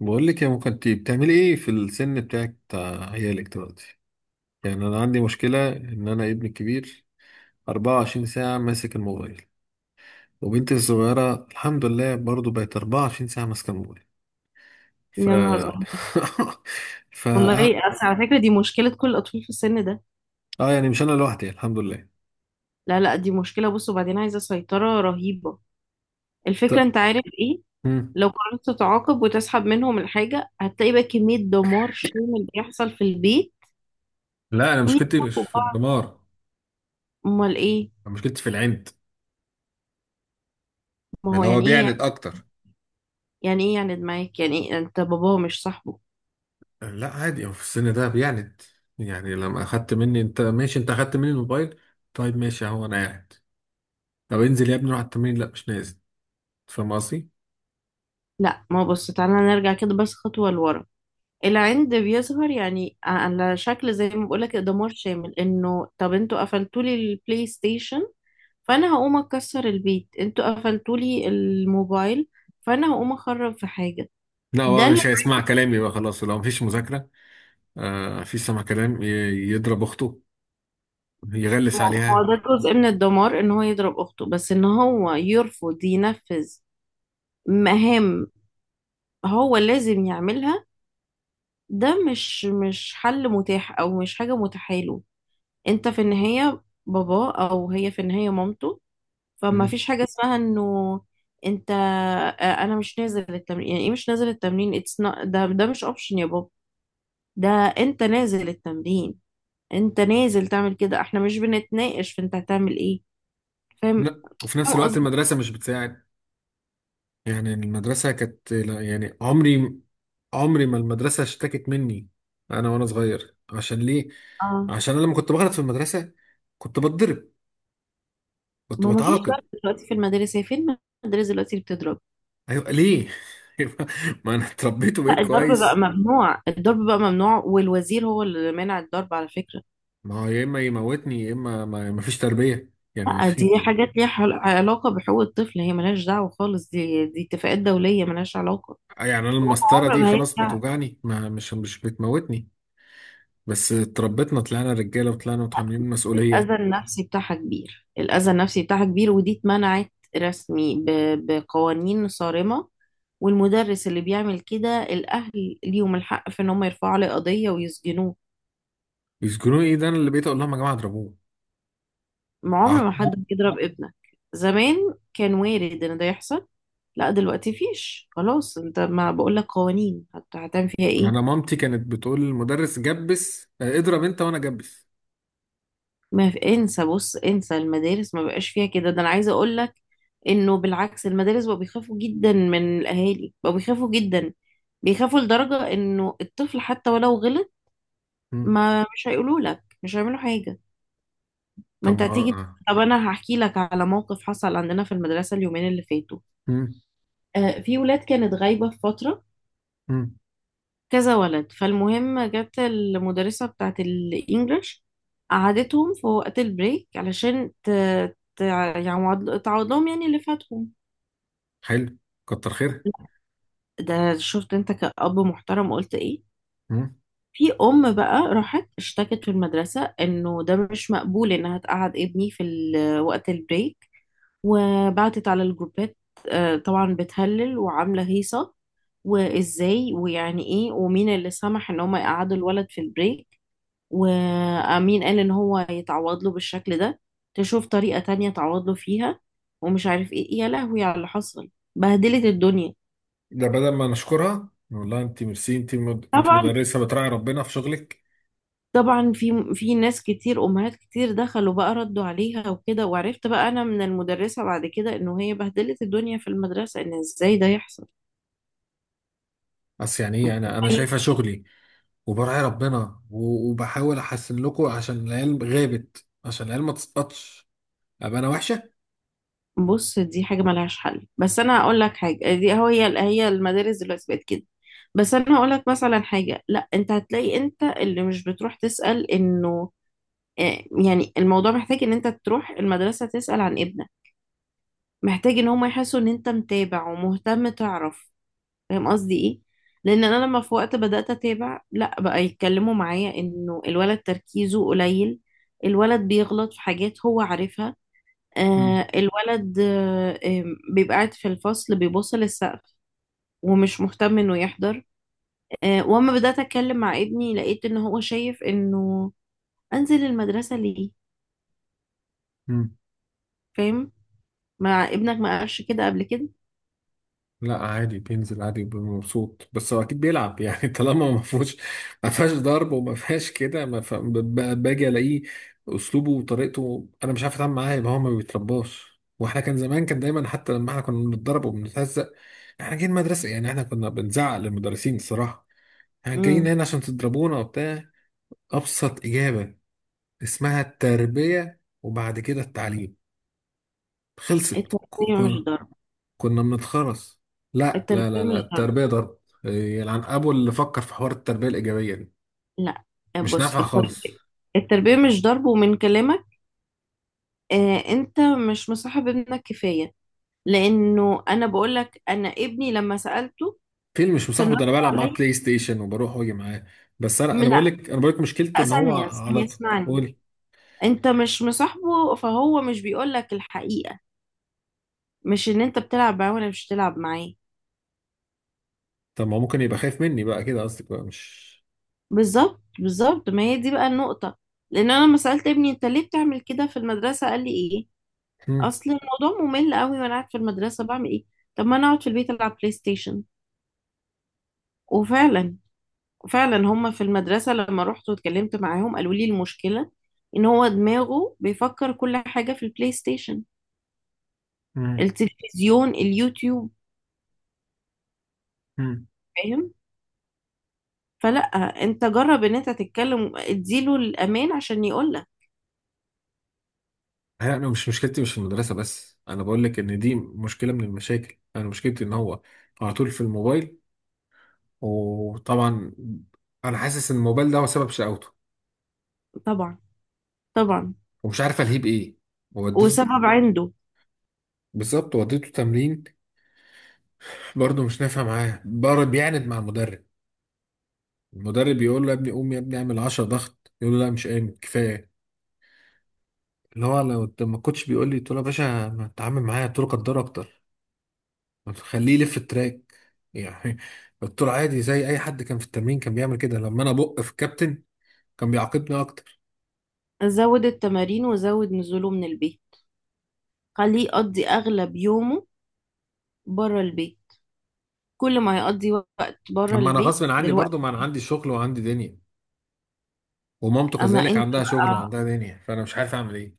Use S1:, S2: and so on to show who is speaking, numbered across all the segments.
S1: بقول لك يا ممكن انت بتعملي ايه في السن بتاعك بتاع عيالك دلوقتي. يعني انا عندي مشكله ان انا ابني الكبير 24 ساعه ماسك الموبايل، وبنتي الصغيره الحمد لله برضو بقت 24 ساعه ماسكه الموبايل. ف
S2: يا نهار أبيض.
S1: ف اه
S2: والله أصل على فكرة دي مشكلة كل الأطفال في السن ده.
S1: آه، يعني مش انا لوحدي الحمد لله.
S2: لا، دي مشكلة. بص، وبعدين عايزة سيطرة رهيبة. الفكرة أنت
S1: ط...
S2: عارف إيه،
S1: مم.
S2: لو قررت تتعاقب وتسحب منهم الحاجة هتلاقي بقى كمية دمار شامل بيحصل في البيت
S1: لا انا مشكلتي مش
S2: ويضربوا
S1: في
S2: بعض.
S1: الدمار،
S2: أمال إيه؟
S1: انا مشكلتي في العند،
S2: ما هو
S1: اللي هو
S2: يعني إيه يعني،
S1: بيعند اكتر.
S2: يعني إيه يعني معاك؟ يعني إيه أنت باباه مش صاحبه؟
S1: لا عادي هو في السن ده بيعند، يعني لما اخدت مني انت ماشي، انت اخدت مني الموبايل، طيب ماشي اهو انا قاعد. طب انزل يا ابني روح على التمرين، لا مش نازل. فاهم قصدي؟
S2: لا ما هو بص، تعالى نرجع كده بس خطوة لورا. العند بيظهر يعني على شكل زي ما بقولك دمار شامل، إنه طب أنتوا قفلتولي البلاي ستيشن فانا هقوم اكسر البيت، انتوا قفلتولي الموبايل فانا هقوم اخرب في حاجه.
S1: لا هو
S2: ده اللي-
S1: مش هيسمع كلامي بقى خلاص لو مفيش مذاكرة. آه مفيش سمع كلام يضرب أخته، يغلس
S2: هو
S1: عليها.
S2: ده جزء من الدمار، ان هو يضرب اخته، بس ان هو يرفض ينفذ مهام هو لازم يعملها، ده مش حل متاح او مش حاجه متاحه له. انت في النهايه بابا او هي في النهايه مامته، فما
S1: مم.
S2: فيش حاجه اسمها انه انت انا مش نازل التمرين. يعني ايه مش نازل التمرين؟ اتس ده مش اوبشن يا بابا. ده انت نازل التمرين، انت نازل تعمل كده، احنا مش بنتناقش في انت هتعمل ايه. فاهم؟
S1: لا وفي نفس
S2: فاهم
S1: الوقت
S2: قصدي؟
S1: المدرسة مش بتساعد، يعني المدرسة كانت لا، يعني عمري ما المدرسة اشتكت مني أنا وأنا صغير. عشان ليه؟
S2: اه،
S1: عشان أنا لما كنت بغلط في المدرسة كنت بتضرب، كنت
S2: ما هو مفيش
S1: بتعاقب.
S2: ضرب دلوقتي في المدارس، هي فين المدارس دلوقتي اللي بتضرب؟
S1: أيوة ليه؟ ما أنا اتربيت
S2: لا،
S1: وبقيت
S2: الضرب بقى
S1: كويس.
S2: ممنوع، الضرب بقى ممنوع، والوزير هو اللي مانع الضرب على فكرة.
S1: ما هو يا اما يموتني يا اما ما فيش تربيه، يعني ما
S2: لا،
S1: في.
S2: دي حاجات ليها علاقة بحقوق الطفل، هي ملهاش دعوة خالص، دي اتفاقات دولية ملهاش علاقة.
S1: يعني انا المسطره
S2: عمر
S1: دي
S2: ما
S1: خلاص
S2: هيرجع.
S1: بتوجعني، ما مش بتموتني، بس اتربيتنا طلعنا رجاله وطلعنا متحملين
S2: الأذى
S1: المسؤوليه.
S2: النفسي بتاعها كبير، الأذى النفسي بتاعها كبير، ودي اتمنعت رسمي بقوانين صارمة. والمدرس اللي بيعمل كده الأهل ليهم الحق في إن هم يرفعوا عليه قضية ويسجنوه.
S1: يسجنوني ايه، ده انا اللي بقيت اقول لهم يا جماعه اضربوه،
S2: ما عمر ما حد
S1: عاقبوه.
S2: بيضرب ابنك. زمان كان وارد إن ده يحصل، لا دلوقتي فيش خلاص، انت ما بقولك قوانين، هتعمل فيها
S1: انا
S2: ايه؟
S1: مامتي كانت بتقول للمدرس جبس، اضرب انت وانا جبس.
S2: ما في، انسى، بص انسى المدارس ما بقاش فيها كده. ده انا عايزة اقولك انه بالعكس المدارس بقوا بيخافوا جدا من الاهالي، بقوا بيخافوا جدا، بيخافوا لدرجة انه الطفل حتى ولو غلط
S1: مم.
S2: ما مش هيقولوا لك، مش هيعملوا حاجة. ما
S1: طب
S2: انت
S1: ما
S2: هتيجي.
S1: آه.
S2: طب انا هحكي لك على موقف حصل عندنا في المدرسة اليومين اللي فاتوا.
S1: مم.
S2: آه، في ولاد كانت غايبة في فترة،
S1: مم.
S2: كذا ولد، فالمهم جت المدرسة بتاعت الانجليش قعدتهم في وقت البريك علشان يعني تعوض لهم يعني اللي فاتهم.
S1: حلو، كتر خيرها.
S2: ده شفت انت كأب محترم قلت ايه؟
S1: مم.
S2: في ام بقى راحت اشتكت في المدرسة انه ده مش مقبول انها تقعد ابني في وقت البريك، وبعتت على الجروبات. طبعا بتهلل وعاملة هيصة، وازاي ويعني ايه ومين اللي سمح ان هم يقعدوا الولد في البريك، ومين قال ان هو يتعوض له بالشكل ده، تشوف طريقة تانية تعوض له فيها، ومش عارف ايه، يا لهوي على اللي حصل. بهدلت الدنيا.
S1: ده بدل ما نشكرها، والله انت ميرسي، انت
S2: طبعا.
S1: مدرسه بتراعي ربنا في شغلك.
S2: طبعا، في ناس كتير، امهات كتير دخلوا بقى ردوا عليها وكده، وعرفت بقى انا من المدرسة بعد كده انه هي بهدلت الدنيا في المدرسة، ان ازاي ده يحصل.
S1: اصل يعني ايه، انا شايفه شغلي وبراعي ربنا و- وبحاول احسن لكم، عشان العيال غابت، عشان العيال ما تسقطش ابقى انا وحشه.
S2: بص، دي حاجة ملهاش حل، بس أنا هقول لك حاجة، دي هو هي المدارس دلوقتي بقت كده. بس أنا هقول لك مثلا حاجة، لا أنت هتلاقي أنت اللي مش بتروح تسأل. إنه يعني الموضوع محتاج إن أنت تروح المدرسة تسأل عن ابنك، محتاج إن هم يحسوا إن أنت متابع ومهتم، تعرف. فاهم قصدي إيه؟ لأن أنا لما في وقت بدأت أتابع، لا بقى يتكلموا معايا إنه الولد تركيزه قليل، الولد بيغلط في حاجات هو عارفها،
S1: مم.
S2: آه الولد آه آم، بيبقى قاعد في الفصل بيبص للسقف ومش مهتم انه يحضر. آه واما بدأت اتكلم مع ابني لقيت ان هو شايف انه انزل المدرسة ليه.
S1: مم.
S2: فاهم؟ مع ابنك ما قالش كده قبل كده؟
S1: لا عادي بينزل عادي بيبقى مبسوط، بس هو اكيد بيلعب يعني طالما ما فيهوش ما فيهاش ضرب وما فيهاش كده، ما ف... ب- ب- باجي الاقيه اسلوبه وطريقته، انا مش عارف اتعامل معاه. يبقى هو ما بيترباش، واحنا كان زمان كان دايما حتى لما احنا كنا بنتضرب وبنتهزق، احنا جايين مدرسه، يعني احنا كنا بنزعق للمدرسين الصراحه، احنا جايين
S2: امم.
S1: هنا عشان تضربونا وبتاع. أبسط إجابة اسمها التربية، وبعد كده التعليم، خلصت.
S2: التربية مش ضرب.
S1: كنا بنتخرس. لا لا لا
S2: التربية
S1: لا،
S2: مش ضرب.
S1: التربية ضرب. إيه، يلعن أبو اللي فكر في حوار التربية الإيجابية دي،
S2: لا.
S1: مش
S2: بص،
S1: نافعة خالص.
S2: التربية، التربية مش ضرب. ومن كلامك، آه، انت مش مصاحب ابنك كفاية. لانه انا بقولك انا ابني لما سألته
S1: فيلم مش
S2: كان
S1: مصاحبه،
S2: رد
S1: ده أنا بلعب معاه
S2: عليا.
S1: بلاي ستيشن وبروح وأجي معاه. بس أنا
S2: لا
S1: أنا بقول لك أنا بقول لك مشكلته إن هو
S2: ثانية ثانية،
S1: على طول.
S2: اسمعني.
S1: قولي.
S2: انت مش مصاحبه فهو مش بيقولك الحقيقة، مش ان انت بتلعب معاه ولا مش بتلعب معاه.
S1: طب ما هو ممكن يبقى خايف مني بقى، كده قصدك بقى مش.
S2: بالظبط، بالظبط، ما هي دي بقى النقطة. لان انا لما سألت ابني انت ليه بتعمل كده في المدرسة قال لي ايه،
S1: مم.
S2: اصل الموضوع ممل قوي، وانا قاعد في المدرسة بعمل ايه؟ طب ما انا اقعد في البيت العب بلاي ستيشن. وفعلا، فعلا هما في المدرسة لما رحت واتكلمت معاهم قالوا لي المشكلة ان هو دماغه بيفكر كل حاجة في البلاي ستيشن،
S1: مم.
S2: التلفزيون، اليوتيوب.
S1: مم.
S2: فاهم؟ فلا، انت جرب ان انت تتكلم اديله الامان عشان يقولك.
S1: لا، انا مش، مشكلتي مش في المدرسه، بس انا بقول لك ان دي مشكله من المشاكل، انا مشكلتي ان هو على طول في الموبايل، وطبعا انا حاسس ان الموبايل ده هو سبب شقاوته،
S2: طبعا. طبعا،
S1: ومش عارف الهيه بايه. وديته،
S2: وسبب عنده.
S1: بالظبط وديته تمرين، برضه مش نافع معاه، بره بيعند مع المدرب. المدرب يقول له يا ابني، قوم يا ابني اعمل 10 ضغط، يقول له لا مش قايم كفايه. اللي هو لو ما كنتش بيقول لي قلت له يا باشا ما تتعامل معايا، قلت له قدر اكتر، طب خليه يلف التراك يعني، قلت له عادي زي اي حد كان في التمرين كان بيعمل كده، لما انا بق في الكابتن كان بيعاقبني اكتر.
S2: زود التمارين وزود نزوله من البيت، خليه يقضي اغلب يومه بره البيت. كل ما يقضي وقت
S1: طب
S2: بره
S1: ما انا
S2: البيت
S1: غصب عني برضو، ما
S2: دلوقتي.
S1: انا عندي شغل وعندي دنيا، ومامته
S2: اما
S1: كذلك
S2: انت
S1: عندها شغل
S2: بقى،
S1: وعندها دنيا، فانا مش عارف اعمل ايه.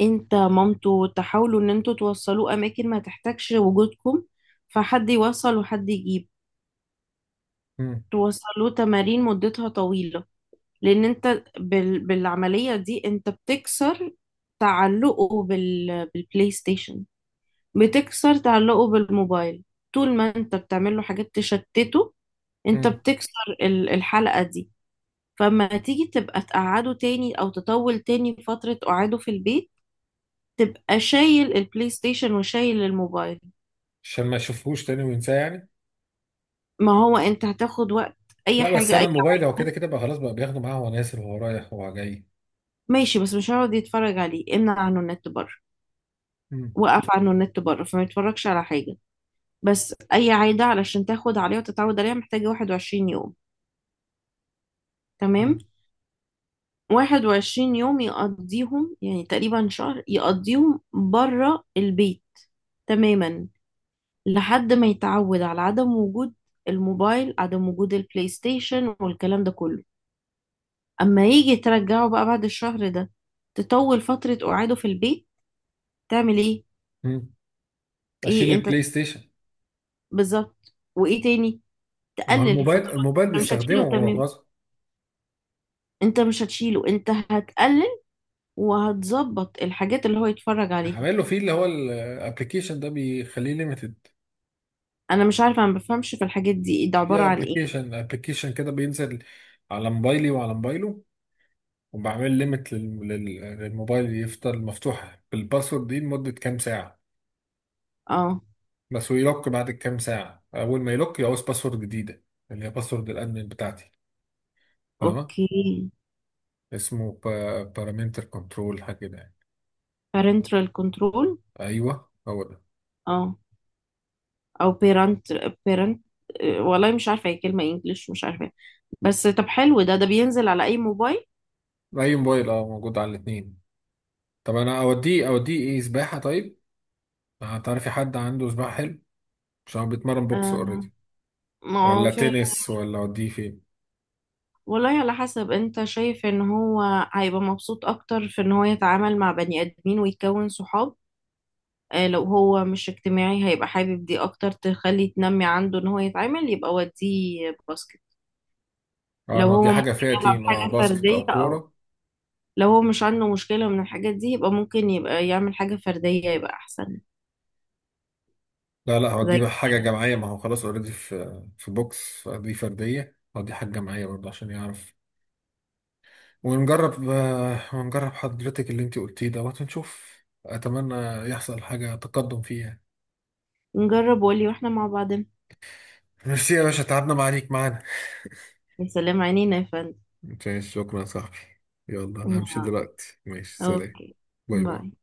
S2: انت مامته تحاولوا ان انتوا توصلوه اماكن ما تحتاجش وجودكم، فحد يوصل وحد يجيب.
S1: امم.
S2: توصلوه تمارين مدتها طويلة، لان انت بالعملية دي انت بتكسر تعلقه بالبلاي ستيشن، بتكسر تعلقه بالموبايل. طول ما انت بتعمل له حاجات تشتته انت
S1: امم.
S2: بتكسر الحلقة دي. فما تيجي تبقى تقعده تاني او تطول تاني فترة قعاده في البيت تبقى شايل البلاي ستيشن وشايل الموبايل.
S1: عشان ما اشوفهوش تاني وينساه يعني.
S2: ما هو انت هتاخد وقت. اي
S1: لا بس
S2: حاجة،
S1: انا
S2: اي.
S1: الموبايل هو كده كده بقى خلاص، بقى بياخده معاه وهو نازل وهو رايح وهو جاي.
S2: ماشي، بس مش هيقعد يتفرج عليه، امنع عنه النت بره،
S1: امم.
S2: وقف عنه النت بره فما يتفرجش على حاجة. بس أي عادة علشان تاخد عليها وتتعود عليها محتاجة 21 يوم. تمام؟
S1: امم.
S2: 21 يوم يقضيهم، يعني تقريبا شهر يقضيهم بره البيت، تماما، لحد ما يتعود على عدم وجود الموبايل، عدم وجود البلاي ستيشن والكلام ده كله. أما يجي ترجعه بقى بعد الشهر ده، تطول فترة قعاده في البيت. تعمل ايه؟
S1: امم. اشيل
S2: ايه انت؟
S1: البلاي ستيشن.
S2: بالظبط. وايه تاني؟
S1: ما
S2: تقلل
S1: الموبايل
S2: الفترات.
S1: الموبايل
S2: انت مش
S1: بيستخدمه
S2: هتشيله
S1: وهو
S2: تمام،
S1: غصب.
S2: انت مش هتشيله، انت هتقلل وهتظبط الحاجات اللي هو يتفرج عليها.
S1: عامل له فيه اللي هو الابلكيشن ده بيخليه ليميتد،
S2: انا مش عارفه، انا ما بفهمش في الحاجات دي، ده عباره
S1: في
S2: عن ايه؟
S1: ابلكيشن كده بينزل على موبايلي وعلى موبايله، وبعمل ليميت للموبايل، يفضل مفتوح بالباسورد دي لمدة كام ساعة
S2: اه.
S1: بس، ويلوك. بعد كام ساعة أول ما يلوك يعوز باسورد جديدة، اللي هي باسورد الأدمن بتاعتي، فاهمة؟
S2: اوكي.
S1: اسمه بارامتر كنترول حاجة كده يعني.
S2: parental control.
S1: أيوه هو ده.
S2: اه، او parent. parent. والله مش عارفه، هي كلمه انجلش مش عارفه. بس طب حلو، ده ده بينزل على اي موبايل؟
S1: أي موبايل، موجود على الاتنين. طب أنا أوديه إيه، سباحة طيب؟ هتعرفي حد عنده سباحة؟ حلو، عشان هو بيتمرن بوكس
S2: آه،
S1: أوريدي.
S2: ما هو
S1: ولا
S2: في.
S1: تنس، ولا أوديه فين؟
S2: والله على حسب انت شايف ان هو هيبقى مبسوط اكتر في ان هو يتعامل مع بني ادمين ويكون صحاب. لو هو مش اجتماعي هيبقى حابب دي اكتر، تخلي تنمي عنده ان هو يتعامل، يبقى وديه باسكت.
S1: اه
S2: لو هو
S1: نودي حاجة
S2: ممكن
S1: فيها
S2: يلعب
S1: تيم،
S2: حاجة
S1: باسكت
S2: فردية،
S1: أو
S2: اه
S1: كورة.
S2: لو هو مش عنده مشكلة من الحاجات دي يبقى ممكن يبقى يعمل حاجة فردية يبقى احسن.
S1: لا لا،
S2: زي
S1: هودي بقى حاجة
S2: كده.
S1: جماعية، ما هو خلاص اوريدي في بوكس فدي فردية، هودي حاجة جماعية برضه عشان يعرف. ونجرب حضرتك اللي انت قلتيه دوت، ونشوف. أتمنى يحصل حاجة تقدم فيها.
S2: نجرب، وقولي، واحنا مع بعضنا.
S1: ميرسي يا باشا، تعبنا معاك معانا.
S2: يا سلام، عينينا يا فندم.
S1: ماشي شكرا يا صاحبي. يلا أنا همشي
S2: آه،
S1: دلوقتي، ماشي سلام.
S2: اوكي،
S1: باي
S2: باي.
S1: باي.